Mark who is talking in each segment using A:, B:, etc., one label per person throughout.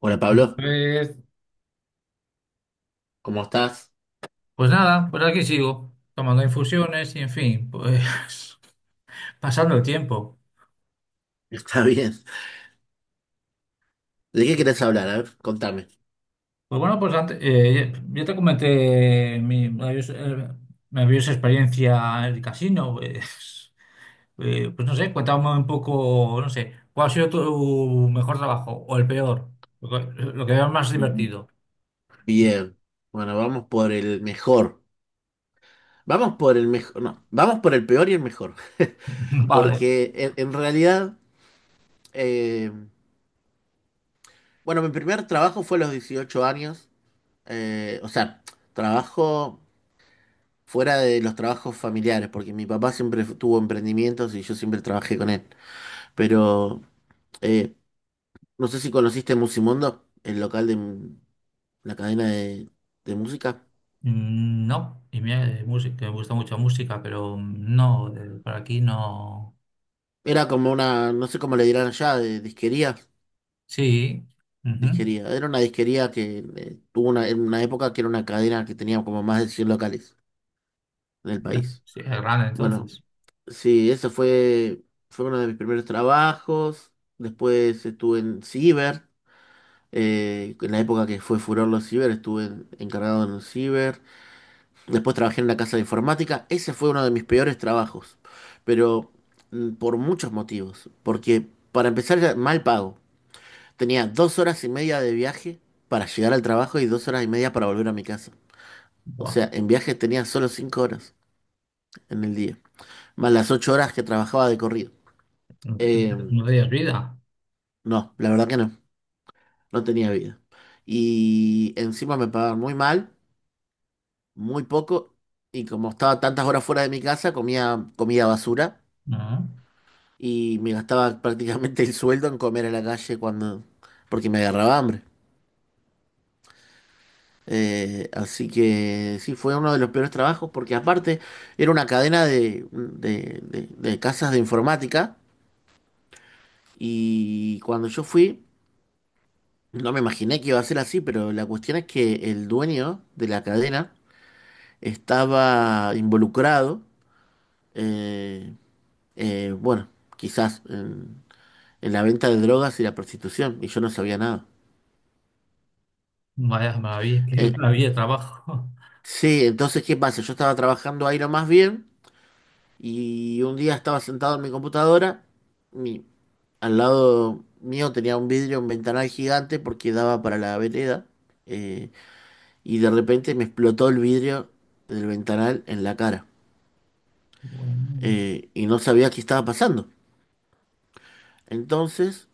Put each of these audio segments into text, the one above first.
A: Hola Pablo,
B: Pues,
A: ¿cómo estás?
B: pues nada, pues aquí sigo, tomando infusiones y, en fin, pues pasando el tiempo.
A: Está bien. ¿De qué querés hablar? A ver, contame.
B: Pues bueno, pues antes, yo te comenté mi maravillosa, maravillosa experiencia en el casino, pues, pues no sé, cuéntame un poco, no sé, ¿cuál ha sido tu mejor trabajo o el peor? Lo que veas más divertido.
A: Bien. Bueno, vamos por el mejor. Vamos por el mejor. No, vamos por el peor y el mejor.
B: Vale.
A: Porque en realidad, eh, bueno, mi primer trabajo fue a los 18 años. O sea, trabajo fuera de los trabajos familiares, porque mi papá siempre tuvo emprendimientos y yo siempre trabajé con él. Pero eh, no sé si conociste Musimundo, el local de, la cadena de música.
B: Mm, no, y mira, de música, me gusta mucho la música, pero no, por aquí no.
A: Era como una, no sé cómo le dirán allá, de disquería.
B: Sí, ujú.
A: Disquería. Era una disquería que tuvo una, en una época que era una cadena que tenía como más de 100 locales en el
B: Ya,
A: país.
B: sí, es grande
A: Bueno,
B: entonces.
A: sí, eso fue uno de mis primeros trabajos. Después estuve en Ciber. En la época que fue furor los Ciber, estuve encargado en un Ciber. Después trabajé en la casa de informática. Ese fue uno de mis peores trabajos, pero por muchos motivos. Porque para empezar era mal pago. Tenía 2 horas y media de viaje para llegar al trabajo y 2 horas y media para volver a mi casa. O
B: Buah,
A: sea, en viaje tenía solo 5 horas en el día, más las 8 horas que trabajaba de corrido.
B: no,
A: Eh,
B: no tenías vida.
A: no, la verdad que no, no tenía vida. Y encima me pagaban muy mal, muy poco, y como estaba tantas horas fuera de mi casa, comía comida basura
B: No.
A: y me gastaba prácticamente el sueldo en comer a la calle cuando, porque me agarraba hambre. Así que sí, fue uno de los peores trabajos porque aparte era una cadena de casas de informática y cuando yo fui, no me imaginé que iba a ser así, pero la cuestión es que el dueño de la cadena estaba involucrado, eh, bueno, quizás en, la venta de drogas y la prostitución y yo no sabía nada.
B: Vaya maravilla, qué
A: Eh,
B: maravilla de trabajo.
A: Sí, entonces, ¿qué pasa? Yo estaba trabajando ahí lo más bien y un día estaba sentado en mi computadora. Mi, Al lado mío tenía un vidrio, un ventanal gigante porque daba para la vereda. eh, y de repente me explotó el vidrio del ventanal en la cara. Y no sabía qué estaba pasando. Entonces,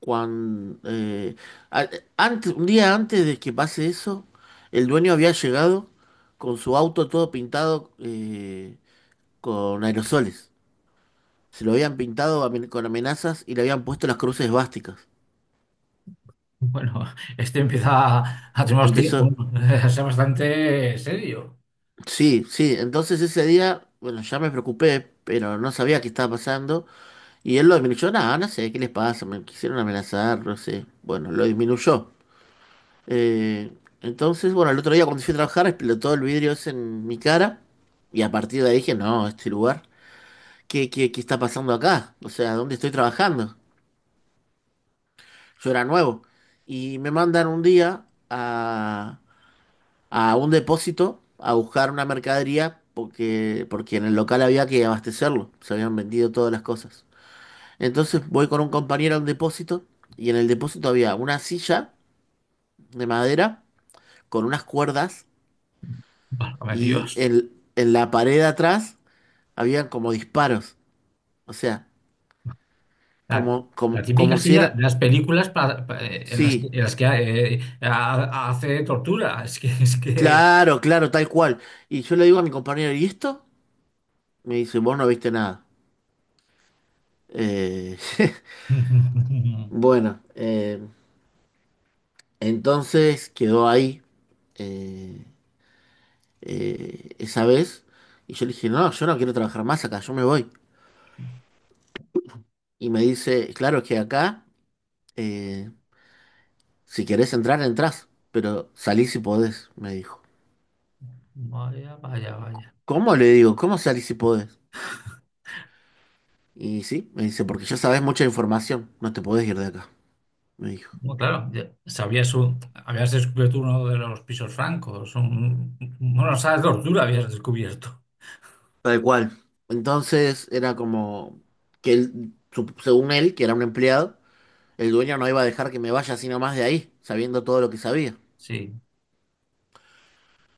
A: cuando, eh, a- antes, un día antes de que pase eso, el dueño había llegado con su auto todo pintado con aerosoles. Se lo habían pintado con amenazas y le habían puesto las cruces básicas.
B: Bueno, bueno, este empieza a tener
A: Empezó,
B: a ser bastante serio.
A: sí, sí, entonces ese día, bueno, ya me preocupé, pero no sabía qué estaba pasando. Y él lo disminuyó, nada, no sé, ¿qué les pasa? Me quisieron amenazar, no sé. Bueno, lo disminuyó. Eh, entonces, bueno, el otro día cuando fui a trabajar explotó el vidrio ese en mi cara. Y a partir de ahí dije, no, este lugar, ¿qué está pasando acá? O sea, ¿dónde estoy trabajando? Yo era nuevo. Y me mandan un día a un depósito a buscar una mercadería porque en el local había que abastecerlo, se habían vendido todas las cosas. Entonces voy con un compañero a un depósito y en el depósito había una silla de madera con unas cuerdas
B: Válgame
A: y
B: Dios.
A: en la pared de atrás habían como disparos, o sea,
B: La,
A: como,
B: la
A: como,
B: típica
A: como si
B: silla
A: era.
B: de las películas
A: Sí,
B: en las que, hace tortura. Es que...
A: claro, claro, tal cual. Y yo le digo a mi compañero, ¿y esto? Me dice, vos no viste nada. Eh, Bueno, entonces quedó ahí eh, esa vez y yo le dije, no, yo no quiero trabajar más acá, yo me voy. Y me dice, claro es que acá, eh, si querés entrar, entrás, pero salí si podés, me dijo.
B: Vaya, vaya, vaya.
A: ¿Cómo? Le digo, ¿cómo salí si podés? Y sí, me dice, porque ya sabés mucha información, no te podés ir de acá, me dijo.
B: Bueno, claro, ya habías descubierto uno de los pisos francos, un, bueno, sala de tortura habías descubierto.
A: Tal cual. Entonces era como que él, según él, que era un empleado, el dueño no iba a dejar que me vaya así nomás de ahí, sabiendo todo lo que sabía.
B: Sí,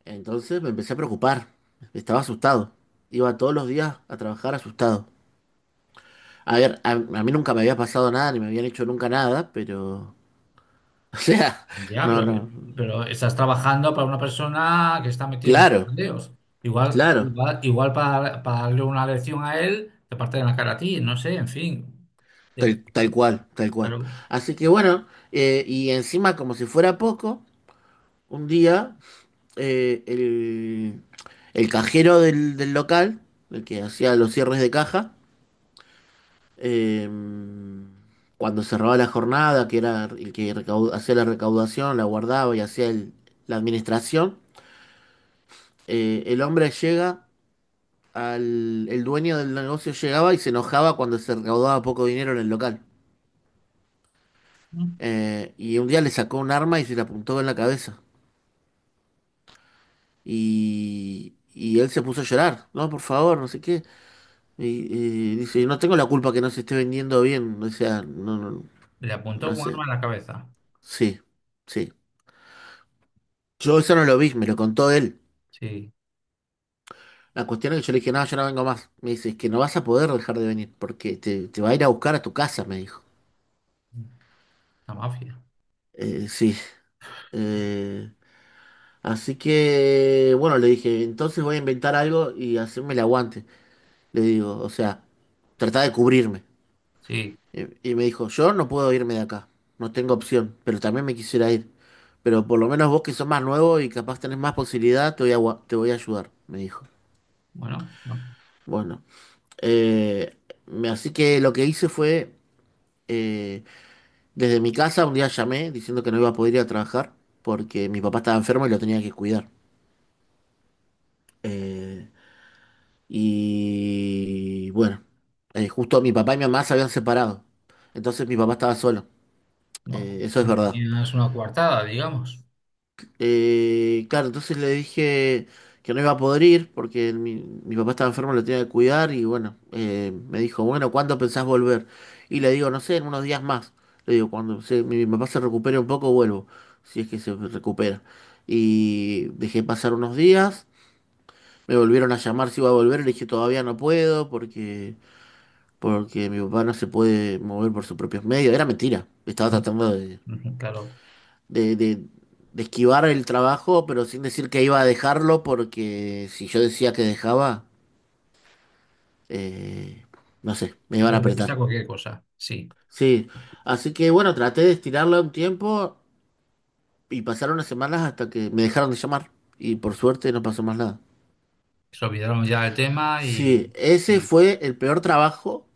A: Entonces me empecé a preocupar, estaba asustado. Iba todos los días a trabajar asustado. A ver, a mí nunca me había pasado nada, ni me habían hecho nunca nada, pero. O sea,
B: ya,
A: no, no.
B: pero estás trabajando para una persona que está metida en muchos
A: Claro,
B: bandeos. Igual,
A: claro,
B: igual, igual para darle una lección a él, te parte de la cara a ti, no sé, en fin. Yo-
A: tal cual, tal cual.
B: claro,
A: Así que bueno, y encima como si fuera poco, un día eh, el, el cajero del local, el que hacía los cierres de caja, Eh, cuando cerraba la jornada, que era el que hacía la recaudación, la guardaba y hacía la administración, eh, el hombre llega el dueño del negocio llegaba y se enojaba cuando se recaudaba poco dinero en el local. Y un día le sacó un arma y se le apuntó en la cabeza. Y él se puso a llorar, no, por favor, no sé qué. Y dice, no tengo la culpa que no se esté vendiendo bien, o sea, no, no,
B: le apuntó
A: no
B: un
A: sé.
B: arma en la cabeza.
A: Sí, sí. Yo eso no lo vi, me lo contó él.
B: Sí,
A: La cuestión es que yo le dije, no, yo no vengo más. Me dice, es que no vas a poder dejar de venir porque te va a ir a buscar a tu casa, me dijo.
B: la mafia.
A: Sí. Eh, Así que, bueno, le dije, entonces voy a inventar algo y hacerme el aguante. Le digo, o sea, trata de cubrirme.
B: Sí,
A: Y me dijo, yo no puedo irme de acá, no tengo opción, pero también me quisiera ir. Pero por lo menos vos que sos más nuevo y capaz tenés más posibilidad, te voy a ayudar, me dijo.
B: bueno, no,
A: Bueno. Eh, Así que lo que hice fue, eh, desde mi casa un día llamé diciendo que no iba a poder ir a trabajar porque mi papá estaba enfermo y lo tenía que cuidar. Eh, y bueno, justo mi papá y mi mamá se habían separado, entonces mi papá estaba solo.
B: no.
A: Eso es verdad.
B: Tenías una coartada, digamos.
A: Claro, entonces le dije que no iba a poder ir porque mi papá estaba enfermo, lo tenía que cuidar y bueno, me dijo, bueno, ¿cuándo pensás volver? Y le digo, no sé, en unos días más. Le digo, mi papá se recupere un poco, vuelvo, si es que se recupera. Y dejé pasar unos días, me volvieron a llamar si iba a volver, le dije, todavía no puedo porque mi papá no se puede mover por sus propios medios. Era mentira, estaba
B: Mm,
A: tratando
B: ujú, claro.
A: de, de- de esquivar el trabajo, pero sin decir que iba a dejarlo, porque si yo decía que dejaba, eh, no sé, me iban
B: Ya
A: a
B: puede gusta
A: apretar.
B: cualquier cosa, sí.
A: Sí, así que bueno, traté de estirarla un tiempo y pasaron unas semanas hasta que me dejaron de llamar y por suerte no pasó más nada.
B: Se olvidaron ya del tema
A: Sí, ese
B: y,
A: fue el peor trabajo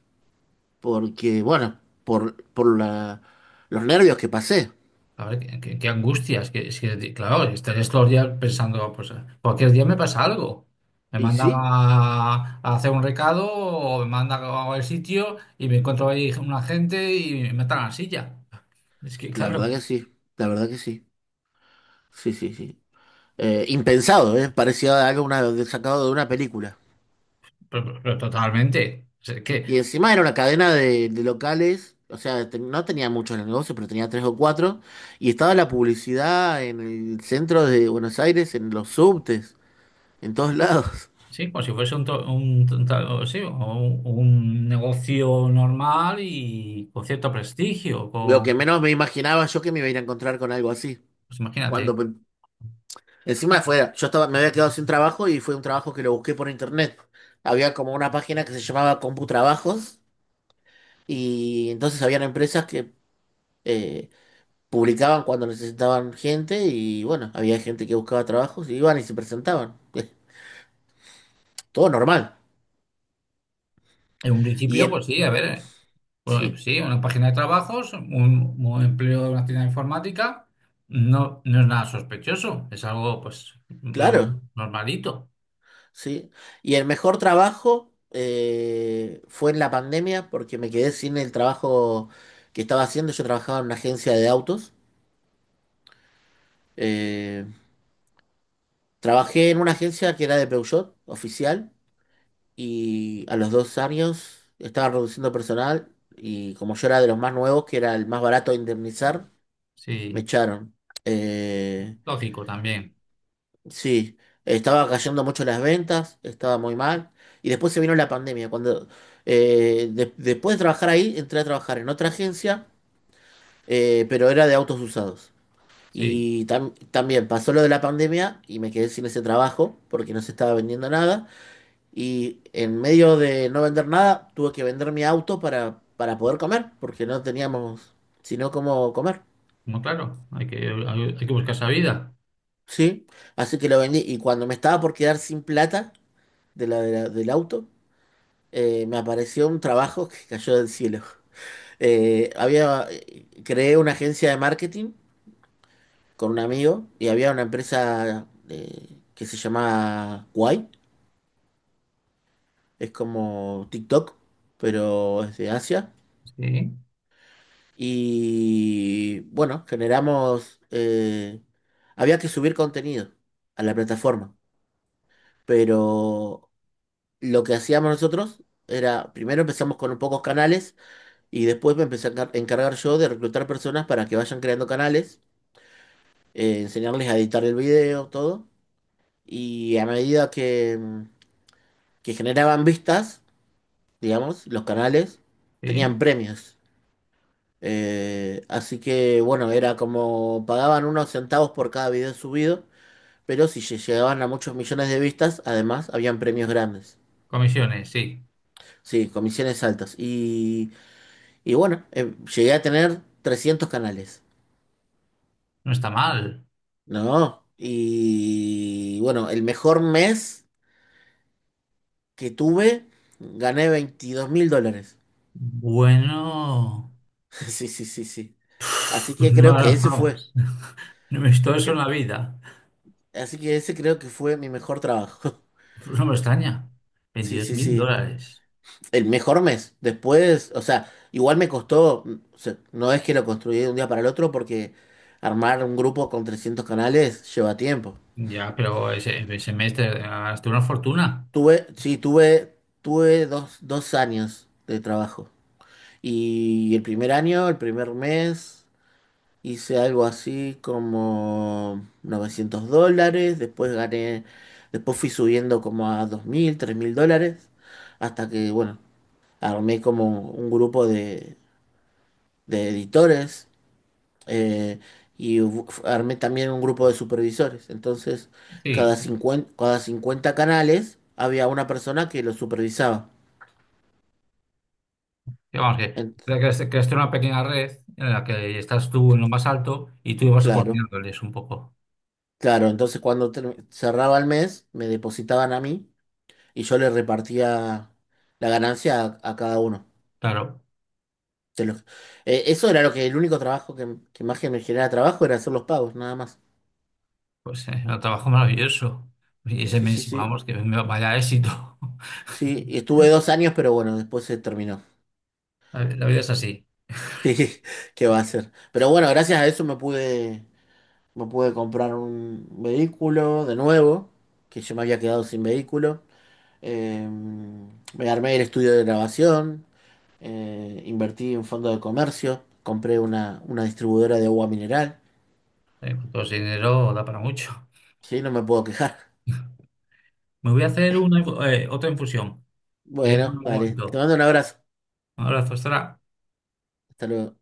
A: porque, bueno, los nervios que pasé.
B: a ver, qué angustia. Que, es que, claro, estarías todos los días pensando, pues, cualquier día me pasa algo. Me
A: Y
B: mandan
A: sí,
B: a hacer un recado o me mandan a el sitio y me encuentro ahí un agente y me matan a la silla. Es que,
A: la verdad
B: claro,
A: que sí, la verdad que sí. Sí, sí, sí. Impensado, ¿eh? Parecía algo sacado de una película.
B: pero totalmente. O sea, que,
A: Y encima era una cadena de locales, o sea, no tenía muchos los negocios, pero tenía tres o cuatro. Y estaba la publicidad en el centro de Buenos Aires, en los subtes, en todos lados.
B: sí, como si fuese un, to- un, un ta- o sí, un negocio normal y con cierto prestigio,
A: Lo
B: con,
A: que menos me imaginaba yo que me iba a ir a encontrar con algo así.
B: pues
A: Cuando
B: imagínate.
A: pe- Encima fuera, me había quedado sin trabajo y fue un trabajo que lo busqué por internet. Había como una página que se llamaba CompuTrabajos y entonces habían empresas que eh, publicaban cuando necesitaban gente y bueno, había gente que buscaba trabajos y iban y se presentaban. Todo normal.
B: En un
A: Y
B: principio,
A: el,
B: pues sí, a ver, bueno,
A: sí,
B: sí, una página de trabajos, un empleo de una tienda de informática, no, no es nada sospechoso, es algo, pues, lo
A: claro,
B: normalito,
A: sí. Y el mejor trabajo fue en la pandemia porque me quedé sin el trabajo que estaba haciendo. Yo trabajaba en una agencia de autos. Eh, Trabajé en una agencia que era de Peugeot, oficial, y a los 2 años estaba reduciendo personal. Y como yo era de los más nuevos, que era el más barato de indemnizar, me
B: sí,
A: echaron. Eh,
B: lógico también,
A: sí, estaba cayendo mucho las ventas, estaba muy mal. Y después se vino la pandemia. Después de trabajar ahí, entré a trabajar en otra agencia, pero era de autos usados.
B: sí,
A: Y también pasó lo de la pandemia y me quedé sin ese trabajo porque no se estaba vendiendo nada. Y en medio de no vender nada, tuve que vender mi auto para poder comer, porque no teníamos sino cómo comer.
B: muy claro, hay que buscar esa vida,
A: Sí, así que lo vendí. Y cuando me estaba por quedar sin plata del auto, me apareció un trabajo que cayó del cielo. Creé una agencia de marketing con un amigo y había una empresa que se llama Kwai, es como TikTok, pero es de Asia.
B: sí,
A: Y bueno, había que subir contenido a la plataforma, pero lo que hacíamos nosotros era, primero empezamos con pocos canales y después me empecé a encargar yo de reclutar personas para que vayan creando canales, enseñarles a editar el video, todo. Y a medida que, que generaban vistas, digamos, los canales
B: sí,
A: tenían premios. Así que bueno, era como pagaban unos centavos por cada video subido, pero si llegaban a muchos millones de vistas, además habían premios grandes.
B: comisiones, sí,
A: Sí, comisiones altas. Y bueno, llegué a tener 300 canales.
B: no está mal.
A: No. Y bueno, el mejor mes que tuve, gané US$22.000.
B: Bueno,
A: Sí, sí, sí, sí. Así
B: pues
A: que
B: no,
A: creo
B: no,
A: que ese
B: no,
A: fue.
B: no he visto eso en
A: cre-
B: la vida,
A: Así que ese creo que fue mi mejor trabajo.
B: pues no me extraña,
A: Sí,
B: veintidós
A: sí,
B: mil
A: sí.
B: dólares.
A: El mejor mes. Después, o sea, igual me costó, o sea, no es que lo construí de un día para el otro porque armar un grupo con 300 canales lleva tiempo.
B: Ya, pero ese semestre gastaste una fortuna.
A: Sí, tuve dos años de trabajo. Y el primer año, el primer mes, hice algo así como US$900. Después fui subiendo como a 2.000 US$3.000. Hasta que, bueno, armé como un grupo de editores. eh, y armé también un grupo de supervisores. Entonces,
B: Sí,
A: cada 50 canales había una persona que los supervisaba.
B: que vamos, que
A: En-
B: creaste, creaste una pequeña red en la que estás tú en lo más alto y tú ibas
A: Claro,
B: coordinándoles un poco.
A: claro. Entonces cuando cerraba el mes, me depositaban a mí y yo le repartía la ganancia a cada uno.
B: Claro,
A: Se los- Eso era lo que el único trabajo que más que me generaba trabajo era hacer los pagos, nada más.
B: pues un trabajo maravilloso. Y ese
A: Sí, sí,
B: mes,
A: sí.
B: vamos, vaya éxito.
A: Sí, y estuve 2 años, pero bueno, después se terminó.
B: La vida es así.
A: Sí, ¿qué va a hacer? Pero bueno, gracias a eso me pude, comprar un vehículo de nuevo, que yo me había quedado sin vehículo. Eh, Me armé el estudio de grabación. Invertí en fondo de comercio, compré una distribuidora de agua mineral,
B: Con todo ese dinero da para mucho.
A: sí, no me puedo quejar.
B: Me voy a hacer una, otra infusión. Te llamo en
A: Bueno,
B: un
A: vale, te
B: momento.
A: mando un abrazo,
B: Un abrazo, hasta
A: hasta luego.